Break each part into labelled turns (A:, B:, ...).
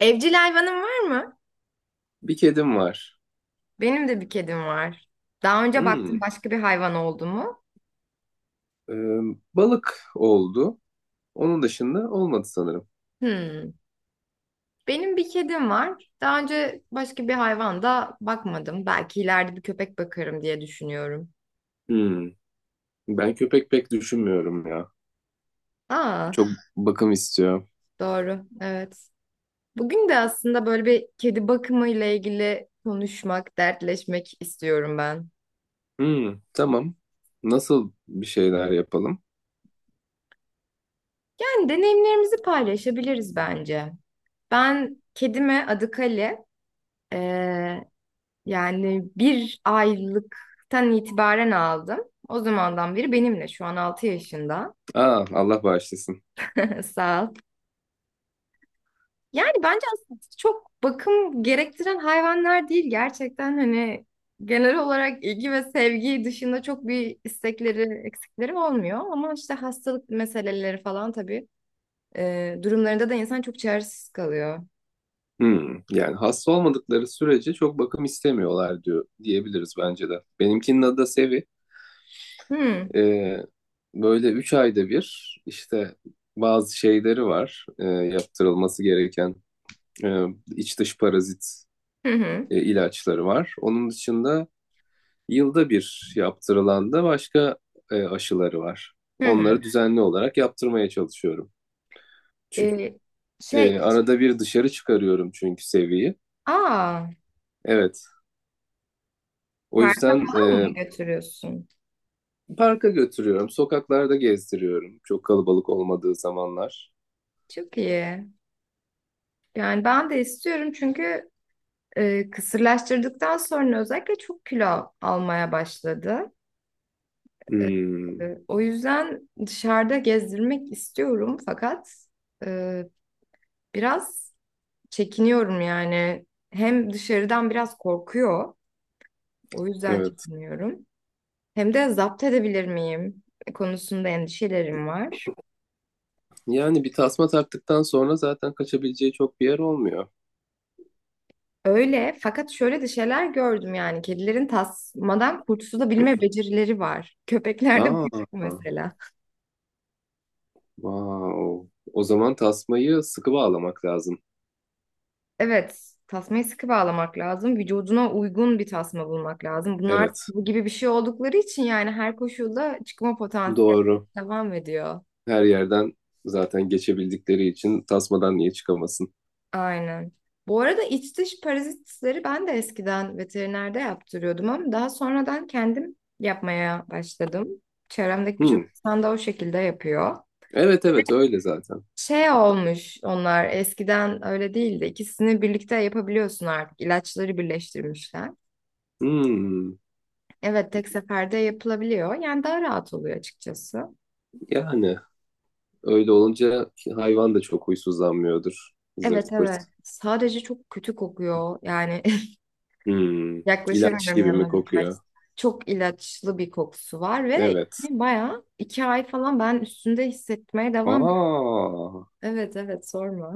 A: Evcil hayvanın var mı?
B: Bir kedim var.
A: Benim de bir kedim var. Daha önce
B: Hmm.
A: baktın başka bir hayvan oldu mu?
B: Ee, Balık oldu. Onun dışında olmadı sanırım.
A: Hmm. Benim bir kedim var. Daha önce başka bir hayvan da bakmadım. Belki ileride bir köpek bakarım diye düşünüyorum.
B: Hmm. Ben köpek pek düşünmüyorum ya.
A: Aa,
B: Çok bakım istiyor.
A: doğru. Evet. Bugün de aslında böyle bir kedi bakımı ile ilgili konuşmak, dertleşmek istiyorum ben.
B: Hmm. Tamam. Nasıl bir şeyler yapalım?
A: Yani deneyimlerimizi paylaşabiliriz bence. Ben kedime adı Kale. Ee, Yani 1 aylıktan itibaren aldım. O zamandan beri benimle şu an 6 yaşında.
B: Aa, Allah bağışlasın.
A: Sağ ol. Yani bence aslında çok bakım gerektiren hayvanlar değil. Gerçekten hani genel olarak ilgi ve sevgi dışında çok bir istekleri, eksikleri olmuyor. Ama işte hastalık meseleleri falan tabii durumlarında da insan çok çaresiz kalıyor.
B: Hmm. Yani hasta olmadıkları sürece çok bakım istemiyorlar diyor diyebiliriz bence de. Benimkinin adı da Sevi.
A: Hmm.
B: Ee, Böyle üç ayda bir işte bazı şeyleri var yaptırılması gereken. Ee, iç dış parazit
A: Hı hı.
B: ilaçları var. Onun dışında yılda bir yaptırılan da başka aşıları var.
A: Hı hı.
B: Onları düzenli olarak yaptırmaya çalışıyorum. Çünkü,
A: E, şey,
B: arada bir dışarı çıkarıyorum çünkü seviyi.
A: aa,
B: Evet, o
A: Parka
B: yüzden
A: falan mı götürüyorsun?
B: parka götürüyorum, sokaklarda gezdiriyorum. Çok kalabalık olmadığı zamanlar.
A: Çok iyi. Yani ben de istiyorum çünkü kısırlaştırdıktan sonra özellikle çok kilo almaya başladı.
B: Hmm,
A: O yüzden dışarıda gezdirmek istiyorum fakat e, biraz çekiniyorum yani. Hem dışarıdan biraz korkuyor, o yüzden
B: evet.
A: çekiniyorum. Hem de zapt edebilir miyim konusunda endişelerim var.
B: Yani bir tasma taktıktan sonra zaten kaçabileceği çok bir yer olmuyor.
A: Öyle fakat şöyle de şeyler gördüm yani kedilerin tasmadan kurtulabilme becerileri var. Köpeklerde bu yok
B: Aa,
A: mesela.
B: wow. O zaman tasmayı sıkı bağlamak lazım.
A: Evet, tasmayı sıkı bağlamak lazım. Vücuduna uygun bir tasma bulmak lazım. Bunlar
B: Evet.
A: bu gibi bir şey oldukları için yani her koşulda çıkma potansiyeli
B: Doğru.
A: devam ediyor.
B: Her yerden zaten geçebildikleri için tasmadan niye çıkamasın?
A: Aynen. Bu arada iç dış parazitleri ben de eskiden veterinerde yaptırıyordum ama daha sonradan kendim yapmaya başladım. Çevremdeki birçok
B: Hmm.
A: insan da o şekilde yapıyor.
B: Evet, evet, öyle zaten.
A: Şey olmuş, onlar eskiden öyle değildi. İkisini birlikte yapabiliyorsun artık. İlaçları birleştirmişler.
B: Hmm.
A: Evet, tek seferde yapılabiliyor. Yani daha rahat oluyor açıkçası.
B: Yani öyle olunca hayvan da çok huysuzlanmıyordur.
A: Evet,
B: Zırt pırt.
A: evet. Sadece çok kötü kokuyor. Yani
B: Hmm. İlaç
A: yaklaşamıyorum
B: gibi mi
A: yanına birkaç.
B: kokuyor?
A: Çok ilaçlı bir kokusu var ve
B: Evet.
A: yani bayağı 2 ay falan ben üstünde hissetmeye devam.
B: Aa,
A: Evet, evet, sorma.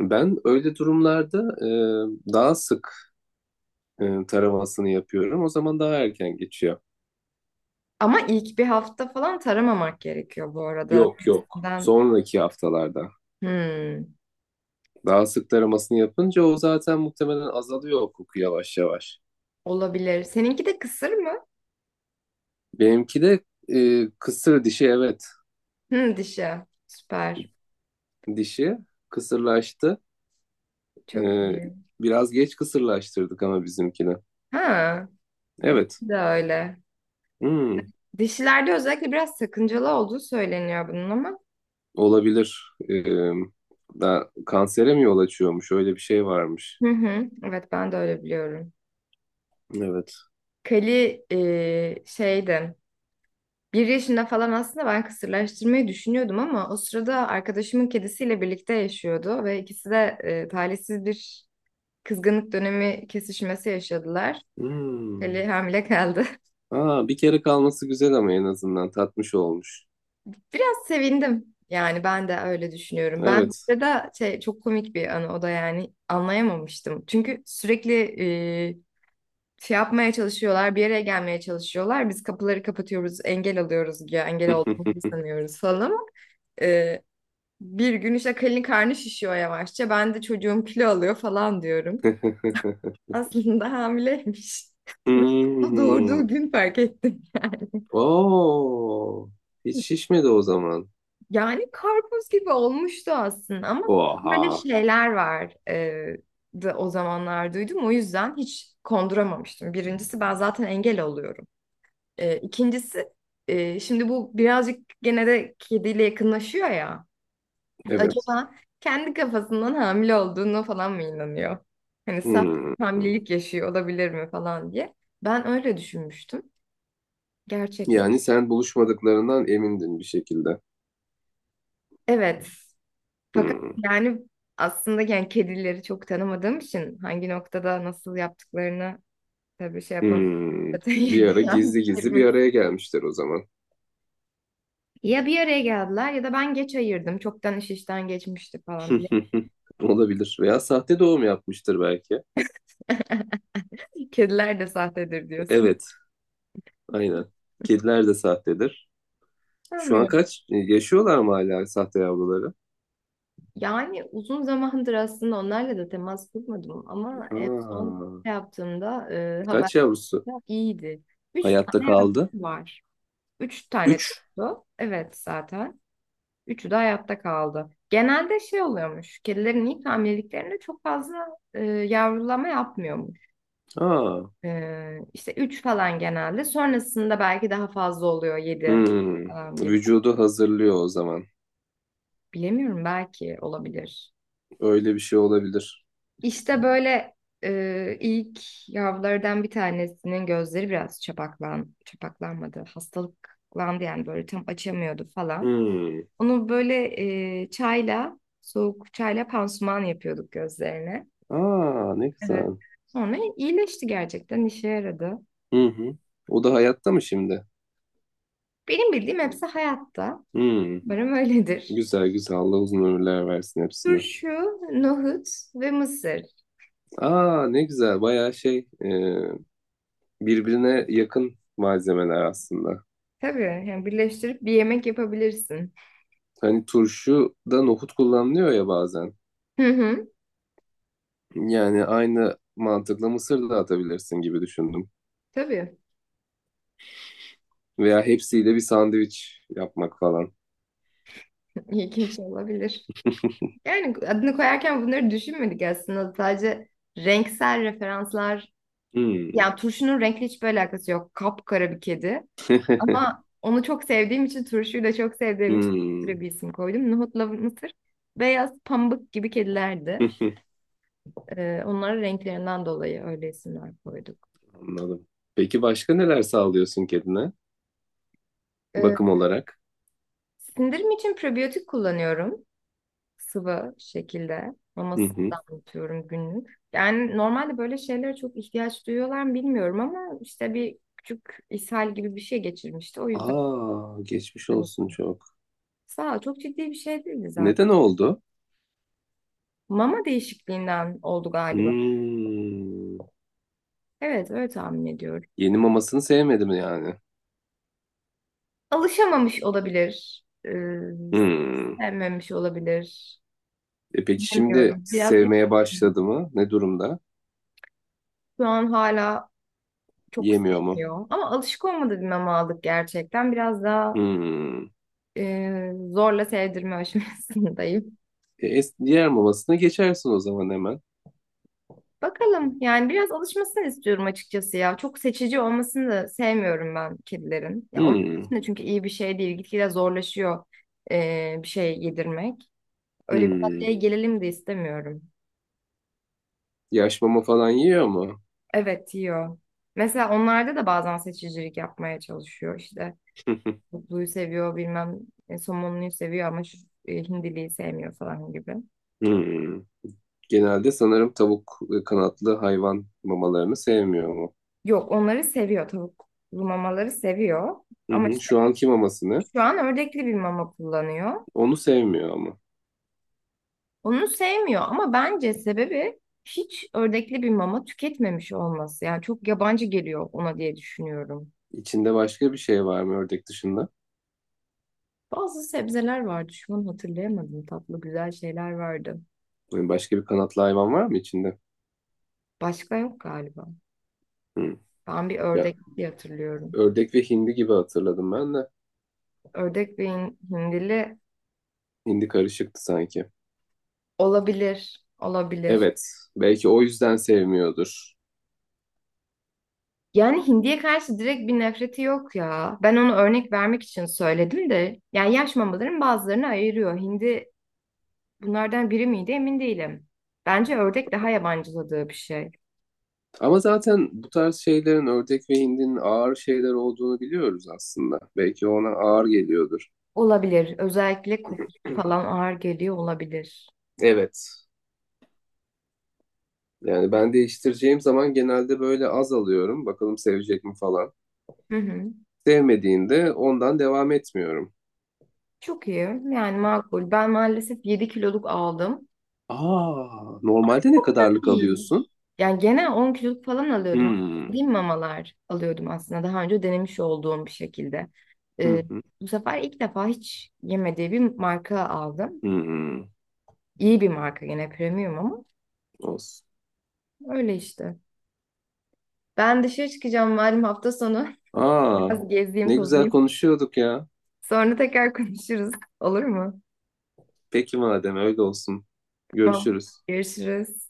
B: ben öyle durumlarda daha sık taramasını yapıyorum. O zaman daha erken geçiyor.
A: Ama ilk bir hafta falan taramamak gerekiyor bu arada.
B: Yok, yok.
A: Testinden
B: Sonraki haftalarda.
A: hmm,
B: Daha sık taramasını yapınca o zaten muhtemelen azalıyor o koku yavaş yavaş.
A: olabilir. Seninki de kısır mı?
B: Benimki de kısır dişi, evet.
A: Hmm, dişi. Süper.
B: Dişi kısırlaştı.
A: Çok
B: E,
A: iyi.
B: Biraz geç kısırlaştırdık ama bizimkini.
A: Ha,
B: Evet.
A: de öyle.
B: Hmm,
A: Dişilerde özellikle biraz sakıncalı olduğu söyleniyor bunun ama.
B: olabilir. E, Kansere mi yol açıyormuş? Öyle bir şey varmış.
A: Hı hı. Evet, ben de öyle biliyorum.
B: Evet.
A: Kali şeydi. 1 yaşında falan aslında ben kısırlaştırmayı düşünüyordum ama o sırada arkadaşımın kedisiyle birlikte yaşıyordu ve ikisi de talihsiz bir kızgınlık dönemi kesişmesi yaşadılar.
B: Hmm.
A: Kali hamile kaldı.
B: Aa, bir kere kalması güzel ama en azından tatmış olmuş.
A: Biraz sevindim. Yani ben de öyle düşünüyorum. Ben
B: Evet.
A: burada da şey çok komik bir anı, o da yani anlayamamıştım. Çünkü sürekli e, şey yapmaya çalışıyorlar, bir yere gelmeye çalışıyorlar. Biz kapıları kapatıyoruz, engel alıyoruz ya, engel olduğumuzu sanıyoruz falan. Ee, Bir gün işte Kalin karnı şişiyor yavaşça. Ben de çocuğum kilo alıyor falan diyorum. Aslında hamileymiş. Ve
B: Hmm.
A: doğurduğu gün fark ettim yani.
B: Oo, hiç şişmedi o zaman.
A: Yani karpuz gibi olmuştu aslında ama böyle
B: Oha.
A: şeyler var da o zamanlar duydum. O yüzden hiç konduramamıştım. Birincisi, ben zaten engel oluyorum. İkincisi şimdi bu birazcık gene de kediyle yakınlaşıyor ya.
B: Evet.
A: Acaba kendi kafasından hamile olduğunu falan mı inanıyor? Hani sahte
B: Hmm.
A: bir hamilelik yaşıyor olabilir mi falan diye. Ben öyle düşünmüştüm. Gerçek mi?
B: Yani sen buluşmadıklarından emindin bir şekilde.
A: Evet. Fakat
B: Hmm.
A: yani aslında yani kedileri çok tanımadığım için hangi noktada nasıl yaptıklarını tabii şey yapamam.
B: Hmm.
A: Zaten
B: Bir ara
A: yani
B: gizli gizli bir araya gelmişler o zaman.
A: Ya bir araya geldiler ya da ben geç ayırdım. Çoktan iş işten geçmişti falan.
B: Olabilir. Veya sahte doğum yapmıştır belki.
A: Kediler de sahtedir diyorsun.
B: Evet, aynen. Kediler de sahtedir. Şu an
A: Sanmıyorum.
B: kaç? Yaşıyorlar mı hala sahte yavruları?
A: Yani uzun zamandır aslında onlarla da temas kurmadım ama en son
B: Aa,
A: şey yaptığımda haberde
B: kaç yavrusu
A: iyiydi. Üç
B: hayatta
A: tane yavrusu
B: kaldı?
A: var. Üç tane
B: Üç.
A: doğdu. Evet, zaten. Üçü de hayatta kaldı. Genelde şey oluyormuş. Kedilerin ilk hamileliklerinde çok fazla yavrulama yapmıyormuş.
B: Aa,
A: E, işte üç falan genelde. Sonrasında belki daha fazla oluyor. Yedi
B: hmm.
A: falan gibi.
B: Vücudu hazırlıyor o zaman.
A: Bilemiyorum, belki olabilir.
B: Öyle bir şey olabilir.
A: İşte böyle ilk yavrulardan bir tanesinin gözleri biraz çapaklanmadı, hastalıklandı yani böyle tam açamıyordu falan.
B: Hmm.
A: Onu böyle soğuk çayla pansuman yapıyorduk gözlerine.
B: Aa, ne
A: Evet.
B: güzel.
A: Sonra iyileşti, gerçekten işe yaradı.
B: Hı hı. O da hayatta mı şimdi?
A: Benim bildiğim hepsi hayatta.
B: Hmm.
A: Umarım öyledir.
B: Güzel, güzel. Allah uzun ömürler versin hepsine.
A: Turşu, nohut ve mısır.
B: Aa, ne güzel. Bayağı şey e, birbirine yakın malzemeler aslında.
A: Tabii, yani birleştirip bir yemek yapabilirsin.
B: Hani turşuda nohut kullanılıyor ya bazen.
A: Hı hı.
B: Yani aynı mantıkla mısır da atabilirsin gibi düşündüm.
A: Tabii,
B: Veya hepsiyle bir sandviç yapmak falan.
A: ilginç olabilir. Yani adını koyarken bunları düşünmedik aslında. Sadece renksel referanslar.
B: Hmm.
A: Yani turşunun renkli hiçbir alakası yok. Kapkara bir kedi. Ama onu çok sevdiğim için, turşuyu da çok sevdiğim için böyle
B: Hmm.
A: bir isim koydum. Nohutla mısır beyaz pamuk gibi kedilerdi. Onların renklerinden dolayı öyle isimler koyduk.
B: Anladım. Peki başka neler sağlıyorsun kedine
A: Ee,
B: bakım olarak?
A: Sindirim için probiyotik kullanıyorum. Sıvı şekilde
B: Hı
A: mamasından
B: hı.
A: damlatıyorum günlük. Yani normalde böyle şeylere çok ihtiyaç duyuyorlar mı bilmiyorum ama işte bir küçük ishal gibi bir şey geçirmişti. O yüzden
B: Aa, geçmiş
A: hani
B: olsun çok.
A: sağ ol, çok ciddi bir şey değildi zaten.
B: Neden oldu?
A: Mama değişikliğinden oldu galiba.
B: Hmm.
A: Evet, öyle tahmin ediyorum.
B: Yeni mamasını sevmedim yani.
A: Alışamamış olabilir.
B: Hmm.
A: Sevmemiş olabilir.
B: E peki şimdi
A: Bilmiyorum. Biraz
B: sevmeye
A: iletişim.
B: başladı mı? Ne durumda?
A: Şu an hala çok
B: Yemiyor mu?
A: sevmiyor. Ama alışık olmadığı bir mama aldık gerçekten. Biraz daha
B: Hmm.
A: zorla sevdirme aşamasındayım.
B: Diğer mamasına geçersin o zaman hemen.
A: Bakalım, yani biraz alışmasını istiyorum açıkçası ya. Çok seçici olmasını da sevmiyorum ben kedilerin. Ya, onun
B: Hmm.
A: için de çünkü iyi bir şey değil. Gitgide zorlaşıyor bir şey yedirmek. Öyle bir
B: Hmm.
A: noktaya gelelim de istemiyorum.
B: Yaş mama falan yiyor mu?
A: Evet, yiyor. Mesela onlarda da bazen seçicilik yapmaya çalışıyor işte. Kutluyu seviyor, bilmem somonluyu seviyor ama şu hindiliyi sevmiyor falan gibi.
B: Hmm. Genelde sanırım tavuk ve kanatlı hayvan mamalarını sevmiyor.
A: Yok, onları seviyor, tavuklu mamaları seviyor.
B: Hı
A: Ama
B: hı. Şu anki mamasını.
A: Şu an ördekli bir mama kullanıyor.
B: Onu sevmiyor ama.
A: Onu sevmiyor ama bence sebebi hiç ördekli bir mama tüketmemiş olması. Yani çok yabancı geliyor ona diye düşünüyorum.
B: İçinde başka bir şey var mı ördek dışında?
A: Bazı sebzeler vardı. Şu an hatırlayamadım. Tatlı güzel şeyler vardı.
B: Yani başka bir kanatlı hayvan var mı içinde?
A: Başka yok galiba.
B: Hı.
A: Ben bir
B: Ya,
A: ördek diye hatırlıyorum.
B: ördek ve hindi gibi hatırladım ben de.
A: Ördek ve hindili
B: Hindi karışıktı sanki.
A: olabilir. Olabilir.
B: Evet. Belki o yüzden sevmiyordur.
A: Yani hindiye karşı direkt bir nefreti yok ya. Ben onu örnek vermek için söyledim de. Yani yaş mamaların bazılarını ayırıyor. Hindi bunlardan biri miydi emin değilim. Bence ördek daha yabancıladığı bir şey.
B: Ama zaten bu tarz şeylerin ördek ve hindinin ağır şeyler olduğunu biliyoruz aslında. Belki ona ağır geliyordur.
A: Olabilir. Özellikle kokusu falan ağır geliyor olabilir.
B: Evet. Yani ben değiştireceğim zaman genelde böyle az alıyorum. Bakalım sevecek mi falan.
A: Hı hı.
B: Sevmediğinde ondan devam etmiyorum.
A: Çok iyi. Yani makul. Ben maalesef 7 kiloluk aldım.
B: Aa, normalde ne
A: Çok da
B: kadarlık
A: değil.
B: alıyorsun?
A: Yani genel 10 kiloluk falan alıyordum, ama
B: Hmm.
A: dediğim mamalar alıyordum aslında. Daha önce denemiş olduğum bir şekilde.
B: Hı
A: Ee,
B: hı.
A: Bu sefer ilk defa hiç yemediği bir marka aldım.
B: Hmm.
A: İyi bir marka, yine premium ama
B: Olsun.
A: öyle işte. Ben dışarı çıkacağım malum hafta sonu.
B: Aa,
A: Biraz gezeyim
B: ne güzel
A: tozayım.
B: konuşuyorduk ya.
A: Sonra tekrar konuşuruz. Olur mu?
B: Peki madem öyle olsun.
A: Tamam.
B: Görüşürüz.
A: Görüşürüz.